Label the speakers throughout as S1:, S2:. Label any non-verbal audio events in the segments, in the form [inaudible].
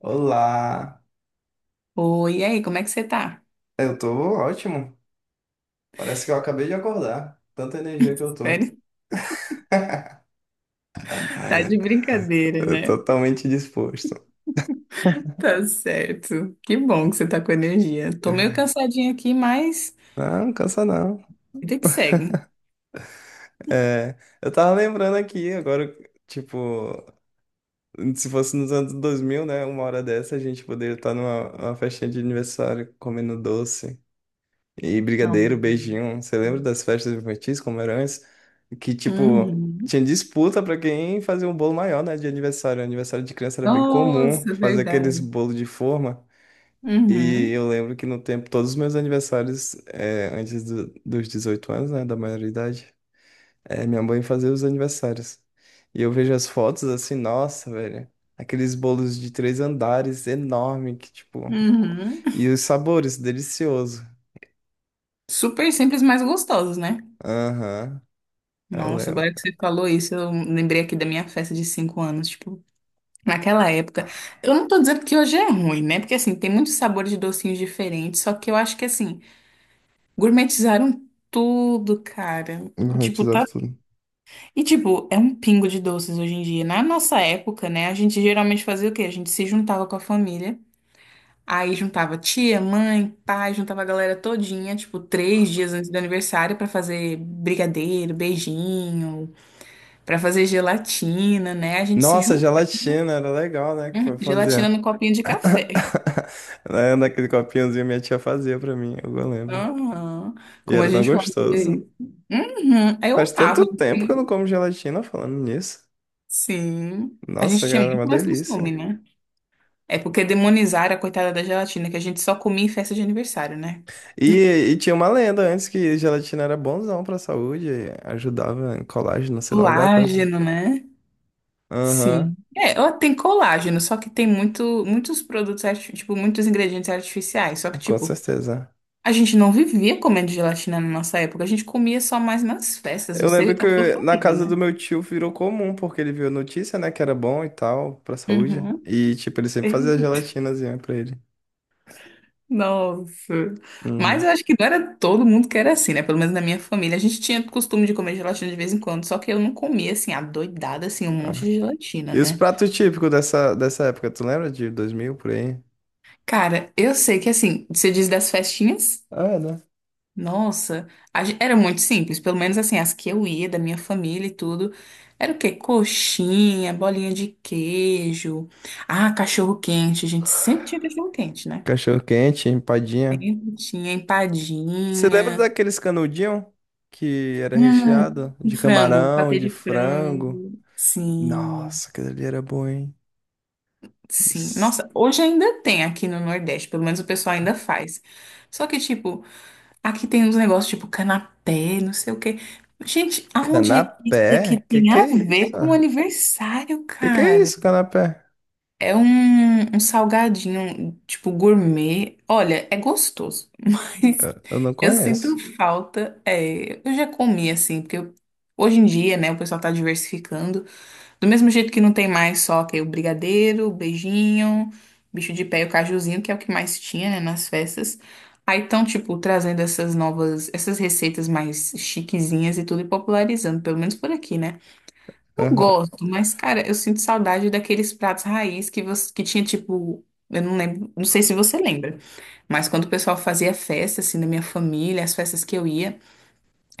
S1: Olá,
S2: Oi, e aí, como é que você tá?
S1: eu tô ótimo. Parece que eu acabei de acordar. Tanta energia que eu
S2: [laughs]
S1: tô.
S2: Sério?
S1: [laughs]
S2: Tá de brincadeira,
S1: Eu tô
S2: né?
S1: totalmente disposto.
S2: Tá certo. Que bom que você tá com energia. Tô meio cansadinha aqui, mas
S1: Não, não cansa não.
S2: vida que segue.
S1: Eu tava lembrando aqui, agora, tipo, se fosse nos anos 2000, né? Uma hora dessa a gente poderia estar numa festinha de aniversário comendo doce. E
S2: Não.
S1: brigadeiro, beijinho. Você lembra das festas infantis, como era antes? Que, tipo,
S2: Uhum.
S1: tinha disputa pra quem fazia um bolo maior, né? De aniversário. Aniversário de criança era bem comum
S2: Nossa,
S1: fazer aqueles
S2: verdade.
S1: bolo de forma. E
S2: Uhum.
S1: eu lembro que no tempo, todos os meus aniversários, antes dos 18 anos, né? Da maioridade, minha mãe fazia os aniversários. E eu vejo as fotos assim, nossa, velho. Aqueles bolos de três andares enorme, que, tipo.
S2: Uhum.
S1: E os sabores, delicioso.
S2: Super simples, mas gostosos, né?
S1: Aham, eu
S2: Nossa,
S1: lembro.
S2: agora que você falou isso, eu lembrei aqui da minha festa de 5 anos, tipo, naquela época. Eu não tô dizendo que hoje é ruim, né? Porque assim, tem muitos sabores de docinhos diferentes, só que eu acho que assim, gourmetizaram tudo, cara. E,
S1: Uhum,
S2: tipo,
S1: tesouro
S2: tá.
S1: tudo.
S2: E, tipo, é um pingo de doces hoje em dia. Na nossa época, né, a gente geralmente fazia o quê? A gente se juntava com a família. Aí juntava tia, mãe, pai, juntava a galera todinha, tipo, 3 dias antes do aniversário pra fazer brigadeiro, beijinho, pra fazer gelatina, né? A gente se
S1: Nossa,
S2: junta.
S1: gelatina, era legal, né? Que foi fazer.
S2: Gelatina no copinho de
S1: [laughs]
S2: café.
S1: Né, naquele copinhozinho minha tia fazia pra mim, eu lembro.
S2: Aham.
S1: E
S2: Como
S1: era
S2: a
S1: tão
S2: gente fazia
S1: gostoso.
S2: isso. Uhum.
S1: Faz
S2: Eu amava,
S1: tanto tempo que eu não
S2: assim.
S1: como gelatina falando nisso.
S2: Sim. A gente
S1: Nossa,
S2: tinha
S1: cara, é
S2: muito
S1: uma
S2: mais costume,
S1: delícia.
S2: né? É porque demonizaram a coitada da gelatina, que a gente só comia em festa de aniversário, né?
S1: E, tinha uma lenda antes que gelatina era bonzão pra saúde, ajudava em colágeno, sei lá, alguma coisa.
S2: Colágeno, né?
S1: Aham,
S2: Sim. É, ó, tem colágeno, só que tem muito, muitos produtos, tipo, muitos ingredientes artificiais. Só que,
S1: com
S2: tipo,
S1: certeza.
S2: a gente não vivia comendo gelatina na nossa época, a gente comia só mais nas festas, não
S1: Eu
S2: sei
S1: lembro
S2: a sua
S1: que na
S2: família,
S1: casa do
S2: né?
S1: meu tio virou comum, porque ele viu a notícia, né, que era bom e tal, pra saúde.
S2: Uhum.
S1: E, tipo, ele sempre fazia gelatinazinha pra ele.
S2: Nossa. Mas
S1: Uhum.
S2: eu acho que não era todo mundo que era assim, né? Pelo menos na minha família. A gente tinha costume de comer gelatina de vez em quando, só que eu não comia, assim, adoidada, assim, um monte de gelatina,
S1: E os
S2: né?
S1: pratos típicos dessa época, tu lembra de 2000 por aí?
S2: Cara, eu sei que, assim, você diz das festinhas?
S1: Ah, é, né?
S2: Nossa, era muito simples. Pelo menos, assim, as que eu ia, da minha família e tudo. Era o quê? Coxinha, bolinha de queijo. Ah, cachorro quente. A gente sempre tinha cachorro quente, né?
S1: Cachorro quente, empadinha.
S2: Sempre tinha
S1: Você lembra
S2: empadinha.
S1: daqueles canudinhos que era
S2: Ah,
S1: recheado
S2: e
S1: de
S2: frango,
S1: camarão,
S2: patê
S1: de
S2: de frango.
S1: frango?
S2: Sim,
S1: Nossa, aquele ali era bom, hein?
S2: sim.
S1: S-
S2: Nossa, hoje ainda tem aqui no Nordeste, pelo menos o pessoal ainda faz. Só que, tipo, aqui tem uns negócios tipo canapé, não sei o quê. Gente, aonde é que isso daqui
S1: Canapé?
S2: tem
S1: Que é
S2: a ver
S1: isso?
S2: com o aniversário,
S1: Que é
S2: cara?
S1: isso, canapé?
S2: É um salgadinho, tipo, gourmet. Olha, é gostoso, [laughs] mas
S1: Eu não
S2: eu
S1: conheço.
S2: sinto falta. É, eu já comi assim, porque hoje em dia, né, o pessoal tá diversificando. Do mesmo jeito que não tem mais só que o brigadeiro, o beijinho, bicho de pé e o cajuzinho, que é o que mais tinha, né, nas festas. Aí estão, tipo, trazendo essas novas, essas receitas mais chiquezinhas e tudo e popularizando, pelo menos por aqui, né? Eu gosto, mas, cara, eu sinto saudade daqueles pratos raiz que, você, que tinha, tipo, eu não lembro, não sei se você lembra, mas quando o pessoal fazia festa, assim, na minha família, as festas que eu ia.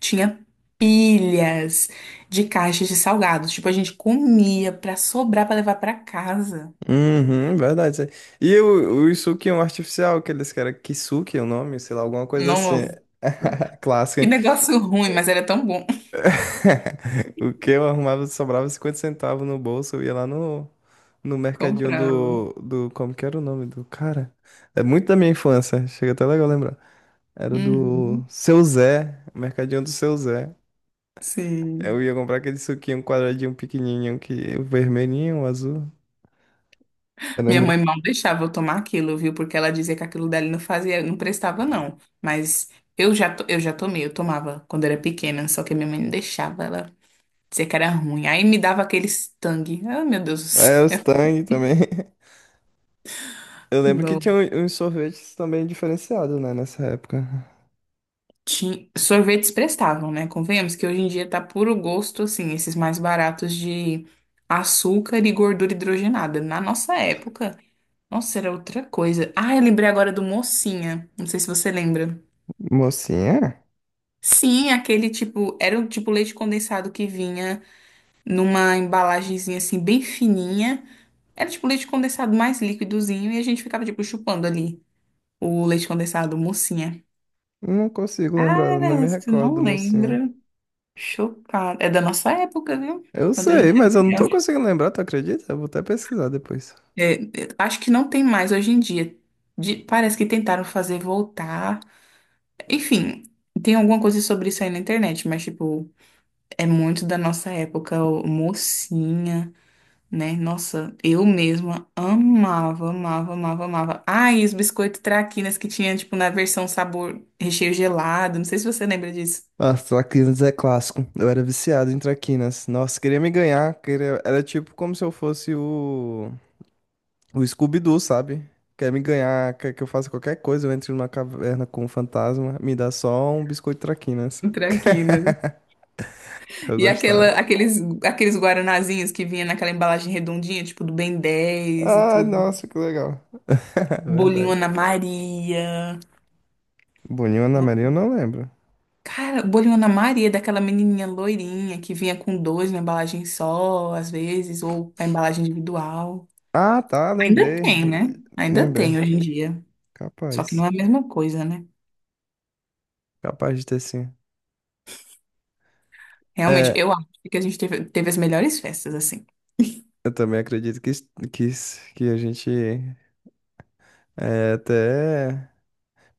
S2: Tinha pilhas de caixas de salgados. Tipo, a gente comia pra sobrar pra levar pra casa.
S1: Uhum, verdade. E o Yusuke é um artificial, que eles querem Kisuke, é o nome, sei lá, alguma coisa assim.
S2: Nossa,
S1: [laughs] Clássico,
S2: que
S1: hein?
S2: negócio [laughs] ruim, mas era tão bom. [laughs]
S1: [laughs] O que eu arrumava, sobrava 50 centavos no bolso, eu ia lá no mercadinho
S2: Comprava.
S1: do. Como que era o nome do cara? É muito da minha infância, chega até legal lembrar. Era do
S2: Uhum,
S1: Seu Zé, mercadinho do Seu Zé. Eu
S2: sim.
S1: ia comprar aquele suquinho quadradinho pequenininho, que, o vermelhinho, o azul. Era
S2: Minha mãe
S1: muito.
S2: mal deixava eu tomar aquilo, viu? Porque ela dizia que aquilo dali não fazia, não prestava, não. Mas eu já tomei, eu tomava quando era pequena, só que minha mãe não deixava, ela dizia que era ruim. Aí me dava aquele tangue. Ah, meu Deus do
S1: É, os
S2: céu.
S1: Tang também. [laughs] Eu lembro que tinha
S2: [laughs]
S1: uns sorvetes também diferenciados, né, nessa época.
S2: Sorvetes prestavam, né? Convenhamos que hoje em dia tá puro gosto, assim, esses mais baratos de açúcar e gordura hidrogenada. Na nossa época, nossa, era outra coisa. Ah, eu lembrei agora do Mocinha. Não sei se você lembra.
S1: Mocinha?
S2: Sim, aquele tipo, era o tipo leite condensado que vinha numa embalagenzinha assim, bem fininha. Era tipo leite condensado mais líquidozinho e a gente ficava, tipo, chupando ali o leite condensado, Mocinha.
S1: Não consigo lembrar, não
S2: Ah,
S1: me
S2: você
S1: recordo do
S2: não
S1: mocinha.
S2: lembra? Chocada. É da nossa época, viu?
S1: Eu
S2: Quando a
S1: sei,
S2: gente era
S1: mas eu não tô
S2: criança.
S1: conseguindo lembrar, tu acredita? Eu vou até pesquisar depois.
S2: É, é, acho que não tem mais hoje em dia. Parece que tentaram fazer voltar. Enfim, tem alguma coisa sobre isso aí na internet, mas, tipo, é muito da nossa época, mocinha, né? Nossa, eu mesma amava, amava, amava, amava. Ah, e os biscoitos traquinas que tinha, tipo, na versão sabor recheio gelado. Não sei se você lembra disso.
S1: Ah, traquinas é clássico. Eu era viciado em traquinas. Nossa, queria me ganhar. Queria... Era tipo como se eu fosse o Scooby-Doo, sabe? Quer me ganhar, quer que eu faça qualquer coisa, eu entre numa caverna com um fantasma, me dá só um biscoito traquinas.
S2: Traquinas.
S1: [laughs] Eu
S2: E
S1: gostava.
S2: aquela, aqueles guaranazinhos que vinha naquela embalagem redondinha, tipo do Ben 10 e
S1: Ah,
S2: tudo.
S1: nossa, que legal. [laughs]
S2: Bolinho
S1: Verdade.
S2: Ana Maria.
S1: Boninho Ana Maria, eu não lembro.
S2: Cara, bolinho Ana Maria, é daquela menininha loirinha que vinha com dois na embalagem só, às vezes, ou a embalagem individual.
S1: Ah, tá,
S2: Ainda
S1: lembrei.
S2: tem, né? Ainda tem
S1: Lembrei.
S2: hoje em dia. Só que não
S1: Capaz.
S2: é a mesma coisa, né?
S1: Capaz de ter sim.
S2: Realmente,
S1: É,
S2: eu acho que a gente teve as melhores festas, assim.
S1: eu também acredito que a gente é até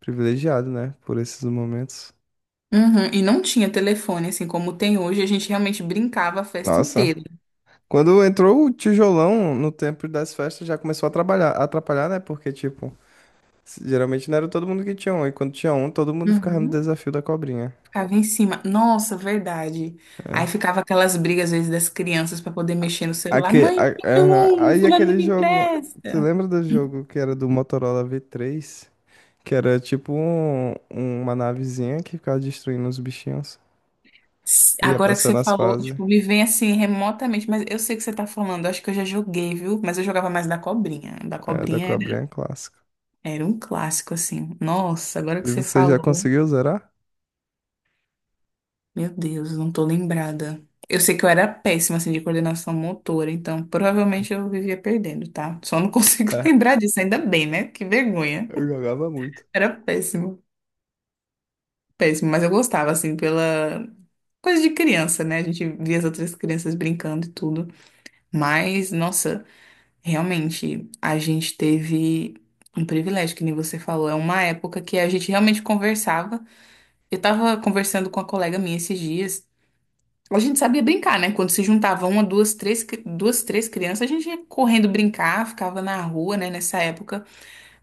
S1: privilegiado, né? Por esses momentos.
S2: Uhum, e não tinha telefone, assim, como tem hoje, a gente realmente brincava a festa
S1: Nossa.
S2: inteira.
S1: Quando entrou o tijolão no tempo das festas, já começou a trabalhar, a atrapalhar, né? Porque, tipo, geralmente não era todo mundo que tinha um. E quando tinha um, todo mundo ficava no
S2: Uhum.
S1: desafio da cobrinha.
S2: Ficava em cima. Nossa, verdade. Aí ficava aquelas brigas, às vezes, das crianças para poder mexer no celular. Mãe, me dá
S1: Aham.
S2: um,
S1: Aí
S2: fulano não
S1: aquele
S2: me
S1: jogo, você
S2: empresta.
S1: lembra do jogo que era do Motorola V3? Que era tipo uma navezinha que ficava destruindo os bichinhos. Ia
S2: Agora que você
S1: passando as
S2: falou,
S1: fases,
S2: tipo, me vem assim remotamente, mas eu sei o que você tá falando. Acho que eu já joguei, viu? Mas eu jogava mais da cobrinha. Da
S1: é, da
S2: cobrinha era,
S1: cobrinha clássica.
S2: era um clássico, assim. Nossa, agora que
S1: E
S2: você
S1: você já
S2: falou,
S1: conseguiu zerar?
S2: meu Deus, não tô lembrada. Eu sei que eu era péssima, assim, de coordenação motora, então provavelmente eu vivia perdendo, tá? Só não [laughs] consigo
S1: [laughs]
S2: lembrar disso, ainda bem, né? Que vergonha.
S1: Eu jogava muito.
S2: Era péssimo, péssimo, mas eu gostava, assim, pela coisa de criança, né? A gente via as outras crianças brincando e tudo. Mas, nossa, realmente, a gente teve um privilégio, que nem você falou. É uma época que a gente realmente conversava. Eu tava conversando com uma colega minha esses dias. A gente sabia brincar, né? Quando se juntava uma, duas, três, duas, três crianças, a gente ia correndo brincar, ficava na rua, né? Nessa época.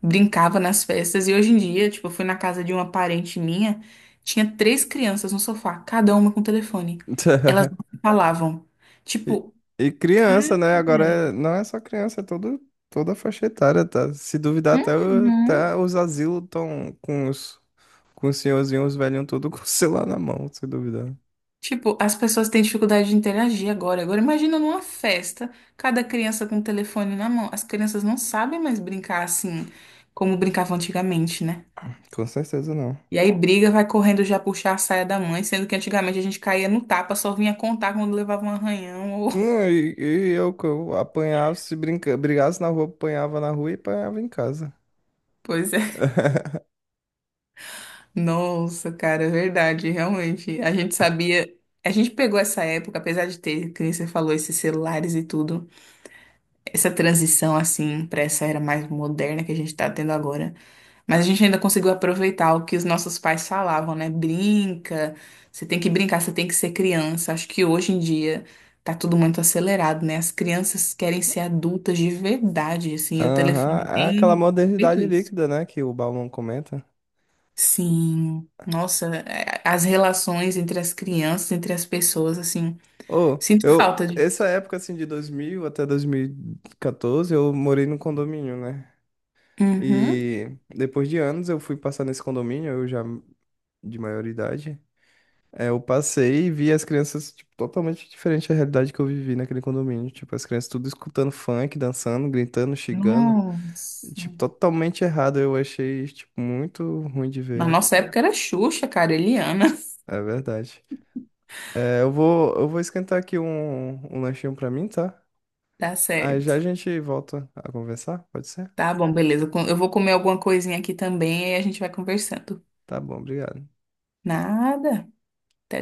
S2: Brincava nas festas. E hoje em dia, tipo, eu fui na casa de uma parente minha, tinha três crianças no sofá, cada uma com telefone. Elas não
S1: [laughs]
S2: se falavam.
S1: E,
S2: Tipo,
S1: criança,
S2: cara.
S1: né? Não é só criança, é toda a faixa etária, tá? Se duvidar, até,
S2: Uhum.
S1: até os asilos estão com com os senhorzinhos, os velhinhos, tudo [laughs] com o celular na mão, se duvidar.
S2: Tipo, as pessoas têm dificuldade de interagir agora. Agora, imagina numa festa, cada criança com um telefone na mão. As crianças não sabem mais brincar assim como brincavam antigamente, né?
S1: Com certeza não.
S2: E aí briga, vai correndo já puxar a saia da mãe, sendo que antigamente a gente caía no tapa, só vinha contar quando levava um arranhão ou. [laughs]
S1: Não, e, eu, que eu apanhava, se brigasse na rua, apanhava na rua e apanhava em casa.
S2: Pois é.
S1: [laughs]
S2: Nossa, cara, é verdade, realmente. A gente sabia, a gente pegou essa época, apesar de ter, que nem você falou, esses celulares e tudo, essa transição assim para essa era mais moderna que a gente tá tendo agora. Mas a gente ainda conseguiu aproveitar o que os nossos pais falavam, né? Brinca, você tem que brincar, você tem que ser criança. Acho que hoje em dia tá tudo muito acelerado, né? As crianças querem ser adultas de verdade, assim, e o
S1: Aham,
S2: telefone
S1: é aquela
S2: tem feito
S1: modernidade
S2: isso.
S1: líquida, né, que o Bauman comenta.
S2: Sim, nossa, é, as relações entre as crianças, entre as pessoas, assim,
S1: Ô,
S2: sinto
S1: eu,
S2: falta
S1: essa
S2: disso.
S1: época, assim, de 2000 até 2014, eu morei num condomínio, né?
S2: Uhum.
S1: E depois de anos eu fui passar nesse condomínio, eu já de maioridade. É, eu passei e vi as crianças, tipo, totalmente diferente da realidade que eu vivi naquele condomínio. Tipo, as crianças tudo escutando funk, dançando, gritando, xingando.
S2: Nossa.
S1: Tipo, totalmente errado. Eu achei, tipo, muito ruim de ver,
S2: Na nossa
S1: ó.
S2: época era Xuxa, cara, Eliana. [laughs]
S1: É verdade. É, eu vou esquentar aqui um lanchinho pra mim, tá?
S2: Tá
S1: Aí
S2: certo.
S1: já a gente volta a conversar, pode ser?
S2: Tá bom, beleza. Eu vou comer alguma coisinha aqui também e a gente vai conversando.
S1: Tá bom, obrigado.
S2: Nada. Até